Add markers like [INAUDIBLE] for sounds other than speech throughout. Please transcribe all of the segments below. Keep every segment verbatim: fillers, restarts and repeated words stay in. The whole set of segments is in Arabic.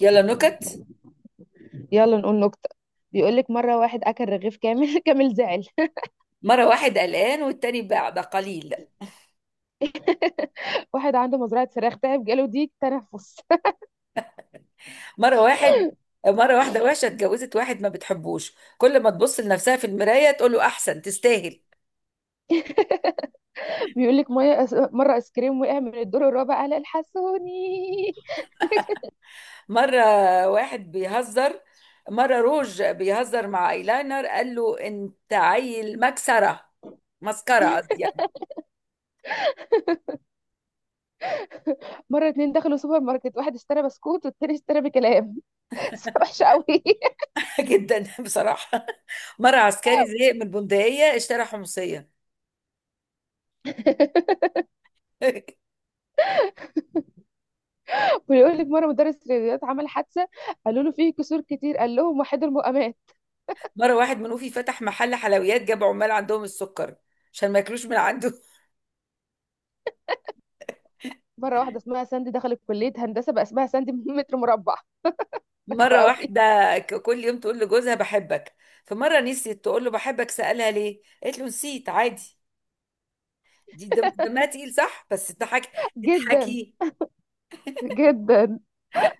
يلا نكت. يلا نقول نكتة. بيقولك مرة واحد أكل رغيف كامل [LAUGHS] كامل زعل. مرة واحد قلقان والتاني بقى, بقى قليل. [LAUGHS] واحد عنده مزرعة فراخ تعب جاله ضيق تنفس. مرة واحد مرة واحدة وحشة اتجوزت واحد ما بتحبوش، كل ما تبص لنفسها في المراية تقول له أحسن تستاهل. [LAUGHS] بيقولك مية أس... مرة آيس كريم وقع من الدور الرابع قال الحسوني. مرة واحد بيهزر مرة روج بيهزر مع ايلاينر، قال له انت عيل مكسرة. مسكرة قصدي يعني. [LAUGHS] مرة اتنين دخلوا سوبر ماركت واحد اشترى بسكوت والتاني اشترى بكلام. [LAUGHS] وحشة قوي. [LAUGHS] [LAUGHS] جدا بصراحة. مرة عسكري زهق من البندقية اشترى حمصية. [LAUGHS] بيقولك مرة مدرس رياضيات عمل حادثة، قالوا له فيه كسور كتير، قال لهم وحيد المقامات. مرة واحد منوفي فتح محل حلويات، جاب عمال عندهم السكر عشان ما ياكلوش من عنده. مرة واحدة اسمها ساندي دخلت كلية هندسة بقى اسمها ساندي [LAUGHS] متر مربع. [LAUGHS] مرة وقوي واحدة ك- كل يوم تقول لجوزها بحبك، فمرة نسيت تقول له بحبك، سألها ليه، قالت له نسيت عادي. دي دم- دمها تقيل صح، بس اضحكي. جدا اضحكي. جدا.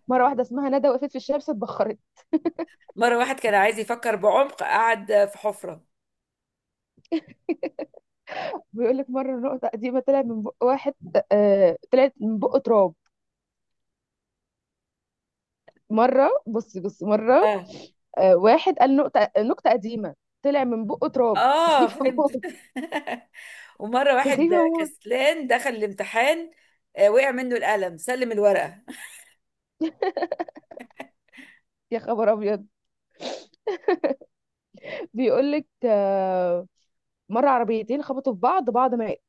مرة واحدة اسمها ندى وقفت في الشمس اتبخرت. مرة واحد كان عايز يفكر بعمق، قعد في حفرة. بيقول لك مره النقطه قديمه طلع من بق واحد. آه طلعت من بق تراب. مره بصي بصي مره. اه، آه واحد قال نقطه نقطه قديمه طلع من بق تراب اه، سخيفه فهمت. موت. [LAUGHS] ومرة [LAUGHS] واحد سخيفه موت. كسلان دخل الامتحان، آه، وقع منه القلم سلم الورقة. يا خبر ابيض. بيقول لك آه، مره عربيتين خبطوا في بعض بعض مات.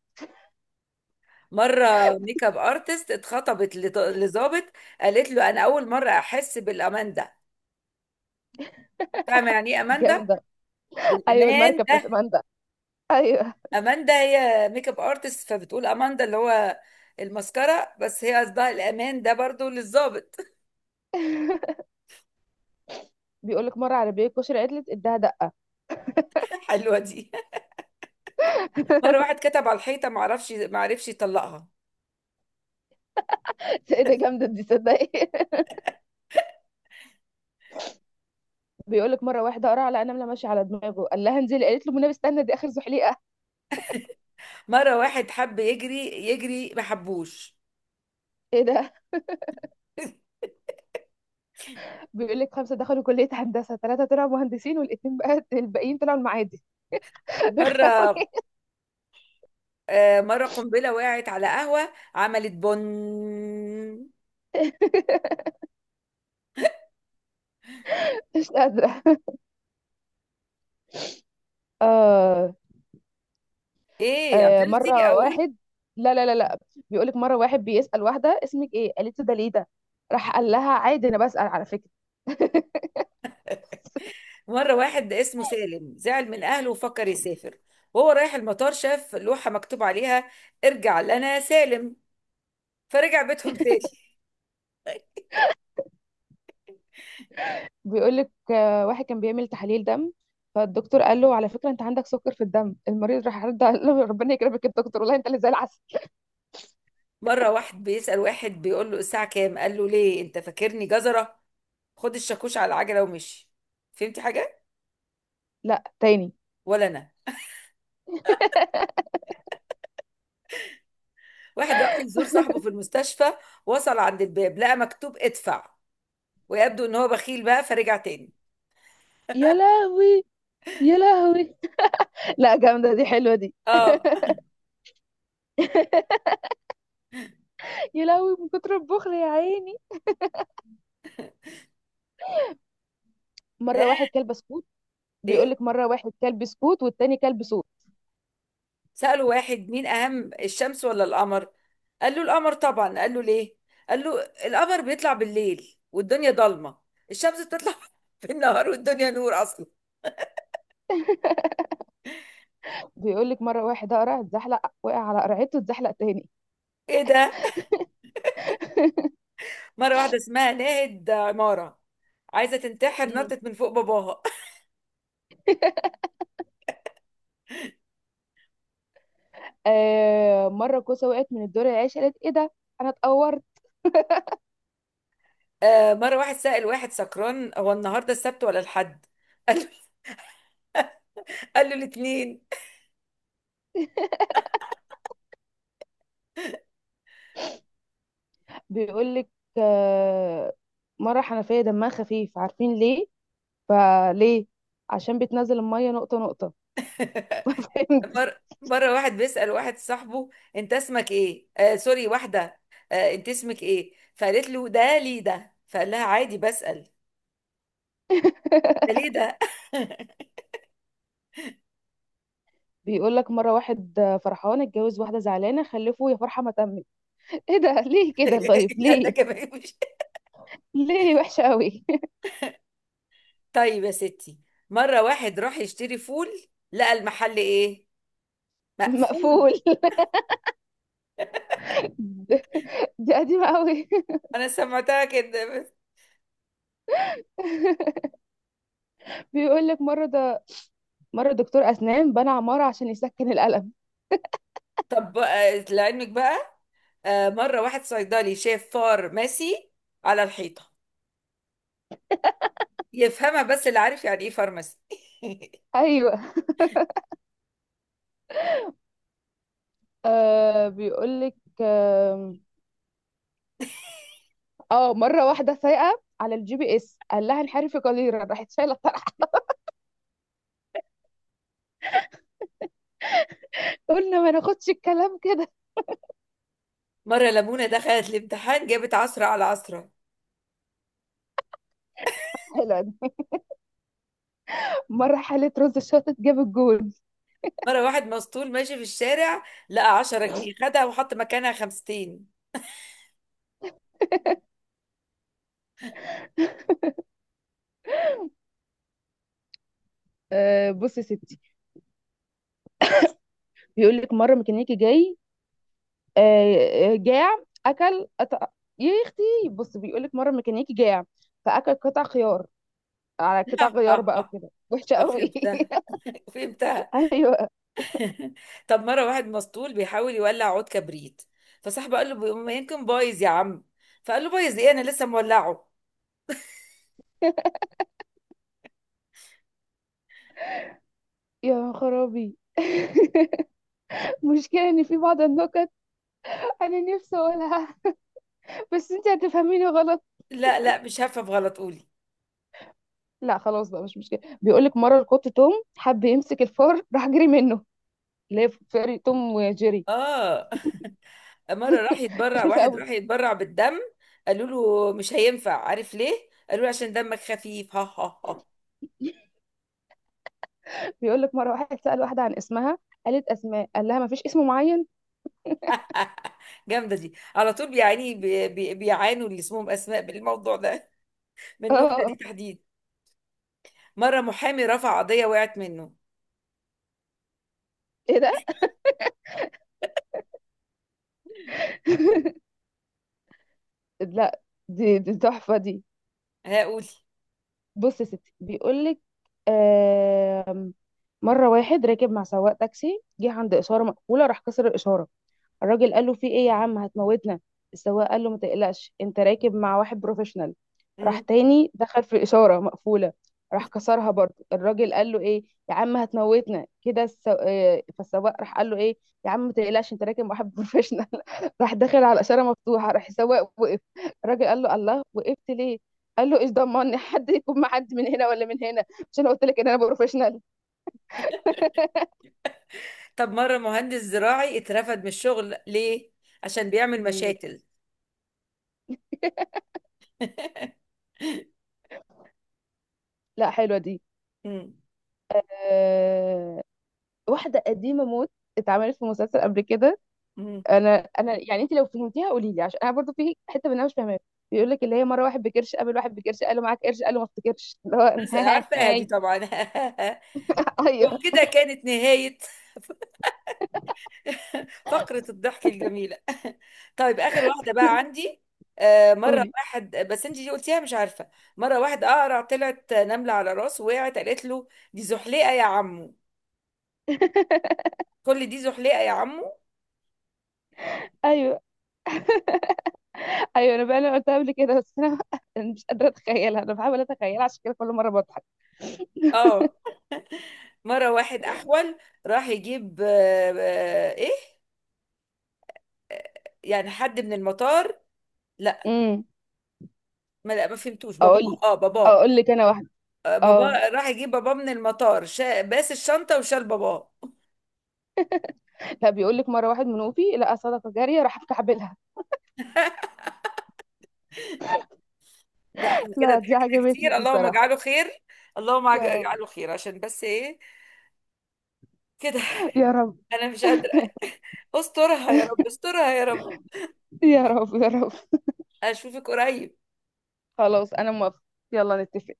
مرة ميك اب ارتست اتخطبت لط- لظابط، قالت له انا اول مرة احس بالامان ده، فاهمة يعني ايه امان ده؟ جامده. ايوه بالامان المركب بتاعت ده. ماندا. ايوه. اماندا هي ميك اب ارتست، فبتقول اماندا اللي هو المسكره، بس هي قصدها الامان ده برضو للظابط. بيقول لك مره عربيه كشري عدلت اداها دقه. [LAUGHS] حلوه دي. مره واحد كتب على الحيطه ما عرفش ما عرفش يطلقها. [LAUGHS] ايه ده جامده دي صدقي. [LAUGHS] بيقول لك مره واحده قرع على نمله ماشيه على دماغه قال لها انزلي قالت له منى استنى دي اخر زحليقه. مره واحد حب يجري يجري ما حبوش. ايه ده. بيقول لك خمسه دخلوا كليه هندسه ثلاثه طلعوا مهندسين والاثنين بقى [LAUGHS] الباقيين طلعوا المعادي. مره [LAUGHS] آه مره قنبله وقعت على قهوه عملت بن. مش قادره. آه. ايه آه عطلتي مره اقول؟ واحد. لا لا لا لا. بيقول لك مره واحد بيسال واحده اسمك ايه؟ قالت له ده ليه ده؟ راح قال لها عادي انا بسال على فكره. مره واحد اسمه سالم زعل من اهله وفكر يسافر، وهو رايح المطار شاف لوحه مكتوب عليها ارجع لنا سالم، فرجع بيتهم تاني. بيقول لك آه، واحد كان بيعمل تحاليل دم، فالدكتور قال له على فكره انت عندك سكر في الدم. المريض راح رد قال له ربنا يكرمك يا دكتور والله انت اللي زي العسل. مرة واحد بيسأل واحد، بيقول له الساعة كام، قال له ليه، انت فاكرني جزرة؟ خد الشاكوش على العجلة ومشي. فهمتي حاجة؟ لا تاني. ولا انا. واحد راح يزور صاحبه في المستشفى، وصل عند الباب لقى مكتوب ادفع، ويبدو ان هو بخيل بقى، فرجع تاني. يا لهوي، يا لهوي. لا جامده دي حلوه دي. اه. يا لهوي من كتر البخل يا عيني. مره ها. واحد كلب سكوت. بيقول ايه. لك مره واحد كلب سكوت والتاني كلب صوت. سأله واحد مين اهم الشمس ولا القمر، قال له القمر طبعا، قال له ليه، قال له القمر بيطلع بالليل والدنيا ضلمة، الشمس بتطلع [LAUGHS] في النهار والدنيا نور اصلا. بيقول لك مره واحد قرع اتزحلق وقع على قرعته اتزحلق تاني. ايه ده. مرة واحدة اسمها لقيت عمارة عايزة تنتحر، مم. نطت من فوق باباها. [LAUGHS] آه مره كوسه وقعت من الدور العاشر قالت ايه ده، انا اتقورت. آه مرة واحد سأل واحد سكران، هو النهاردة السبت ولا الحد، [LAUGHS] قال له قال له الاتنين. بيقول لك آه، مره حنفيه دمها خفيف، عارفين ليه؟ فليه، عشان بتنزل الميه نقطه نقطه. [LAUGHS] مرة [LAUGHS] مرة واحد بيسأل واحد صاحبه انت اسمك ايه، آه سوري، واحدة. آه انت اسمك ايه، فقالت له ده ليه ده، فقال لها عادي بسأل. ده ليه ده. بيقول لك مره واحد فرحان اتجوز واحده زعلانه خلفه يا فرحه ما تمت. ايه ده ليه كده؟ [LAUGHS] طيب لا ده ليه؟ كمان مش. [LAUGHS] ليه وحشه قوي. طيب يا ستي. مرة واحد راح يشتري فول لقى المحل ايه، [LAUGHS] مقفول. مقفول. دي قديمة قوي. انا سمعتها كده. [LAUGHS] بيقول لك مرة ده، مرة دكتور أسنان بنى عمارة عشان يسكن الألم. طب آه، لعلمك بقى. آه، مرة واحد صيدلي شاف فارماسي على الحيطة، يفهمها بس اللي عارف يعني ايه فارماسي. [LAUGHS] أيوه. آه بيقول لك، آه, آه مرة واحدة سايقة على الجي بي إس قال لها انحرفي قليلا راحت شايلة الطرح. [LAUGHS] قلنا ما ناخدش الكلام كده. مرة لمونة دخلت الامتحان جابت عشرة على عشرة. [LAUGHS] حلو. مرة حالة رز الشاطت جاب الجول. مرة واحد مسطول ماشي في الشارع، لقى عشرة جنيه، خدها وحط مكانها خمستين. آه بصي يا ستي، بيقول لك مرة ميكانيكي جاي آه آه، جاع أكل قطع. يا أختي، بص بيقول لك مرة ميكانيكي جاع فأكل قطع خيار على قطع [LAUGHS] غيار بقى اه، وكده وحشة قوي. فهمتها، [LAUGHS] فهمتها. ايوه. [LAUGHS] طب مرة واحد مسطول بيحاول يولع عود كبريت، فصاحبه قال له بي- ما يمكن بايظ يا عم، فقال له بايظ ايه، انا لسه مولعه. يا خرابي. مشكلة ان في بعض النكت انا نفسي اقولها بس انت هتفهميني غلط. لا لا، مش هفهم غلط، قولي. لا خلاص بقى مش مشكلة. بيقولك مرة القط توم حب يمسك الفار راح جري منه، اللي هي فيري توم وجيري. اه، مرة راح يتبرع سخيفة واحد قوي. راح يتبرع بالدم، قالوا له مش هينفع عارف ليه؟ قالوا له عشان دمك خفيف. [LAUGHS] ها ها ها. بيقولك مرة واحد سأل واحدة عن اسمها، قالت اسماء، قال لها مفيش اسم معين. آه، جامدة دي على طول، بيعاني بي- بي- بيعانوا اللي اسمهم أسماء بالموضوع ده، [LAUGHS] من النكتة دي اه. تحديد. مرة محامي رفع قضية وقعت منه. ايه ده. لا دي دي تحفة دي. هقول. بص يا ستي، بيقولك آم، مرة واحد راكب مع سواق تاكسي جه عند إشارة مقفولة راح كسر الإشارة. الراجل قال له في ايه يا عم هتموتنا. السواق قال له ما تقلقش انت راكب مع واحد بروفيشنال. راح مم. تاني دخل في الاشاره مقفوله راح كسرها برضه. الراجل قال له ايه يا عم هتموتنا كده، السو... آه، فالسواق راح قال له ايه يا عم ما تقلقش انت راكب مع واحد بروفيشنال. [LAUGHS] راح داخل على اشاره مفتوحه راح السواق وقف. الراجل قال له الله وقفت ليه؟ قال له ايش ضمني [LAUGHS] حد يكون مع حد من هنا ولا من هنا، مش انا قلت لك ان انا بروفيشنال. طب مرة مهندس زراعي اترفد من الشغل ليه؟ عشان بيعمل ليه. مشاتل. [LAUGHS] لا حلوه دي. مم. آه، واحده قديمه موت اتعملت في مسلسل قبل كده. مم. انا انا يعني انت لو فهمتيها قولي لي عشان انا برضو في حته منها مش فاهماها. بيقول لك اللي هي مره واحد بكرش قابل واحد بكرش قال له معاك قرش قال له ما افتكرش. [LAUGHS] اللي هو بس أنا- [LAUGHS] عارفة دي هاي. طبعا. [LAUGHS] ايوه. وكده كانت نهاية فقرة الضحك الجميلة. [LAUGHS] طيب آخر واحدة بقى عندي. آه، مرة قولي. واحد، بس انت دي قلتيها مش عارفة. مرة واحد أقرع طلعت نملة على راسه وقعت قالت له دي زحليقة يا عمو. كل دي زحليقة يا عمو. ايوه. ايوه انا بقى انا قلتها قبل كده، بس انا [LAUGHS] أنا مش قادره اتخيلها انا بحاول اتخيلها عشان كده كل مره بضحك. اه، مرة واحد أحول راح يجيب آه، آه، ايه، يعني حد من المطار. لا. امم. ما لا ما فهمتوش باباه، اقول اه باباه. اقول لك انا واحده. آه، اه. باباه راح يجيب باباه من المطار، شا... باس الشنطة وشال باباه. لا بيقول لك مره واحد منوفي لقى صدقه جاريه راح مكعبلها. لا [LAUGHS] احنا كده لا دي ضحكنا عجبتني كتير، دي اللهم صراحه. اجعله خير. اللهم اج- يا رب، اجعله خير عشان بس ايه، كده. يا رب. [LAUGHS] انا مش قادره. استرها يا رب استرها يا رب. يا رب، يا رب. اشوفك قريب. خلاص انا موافقة. يلا نتفق.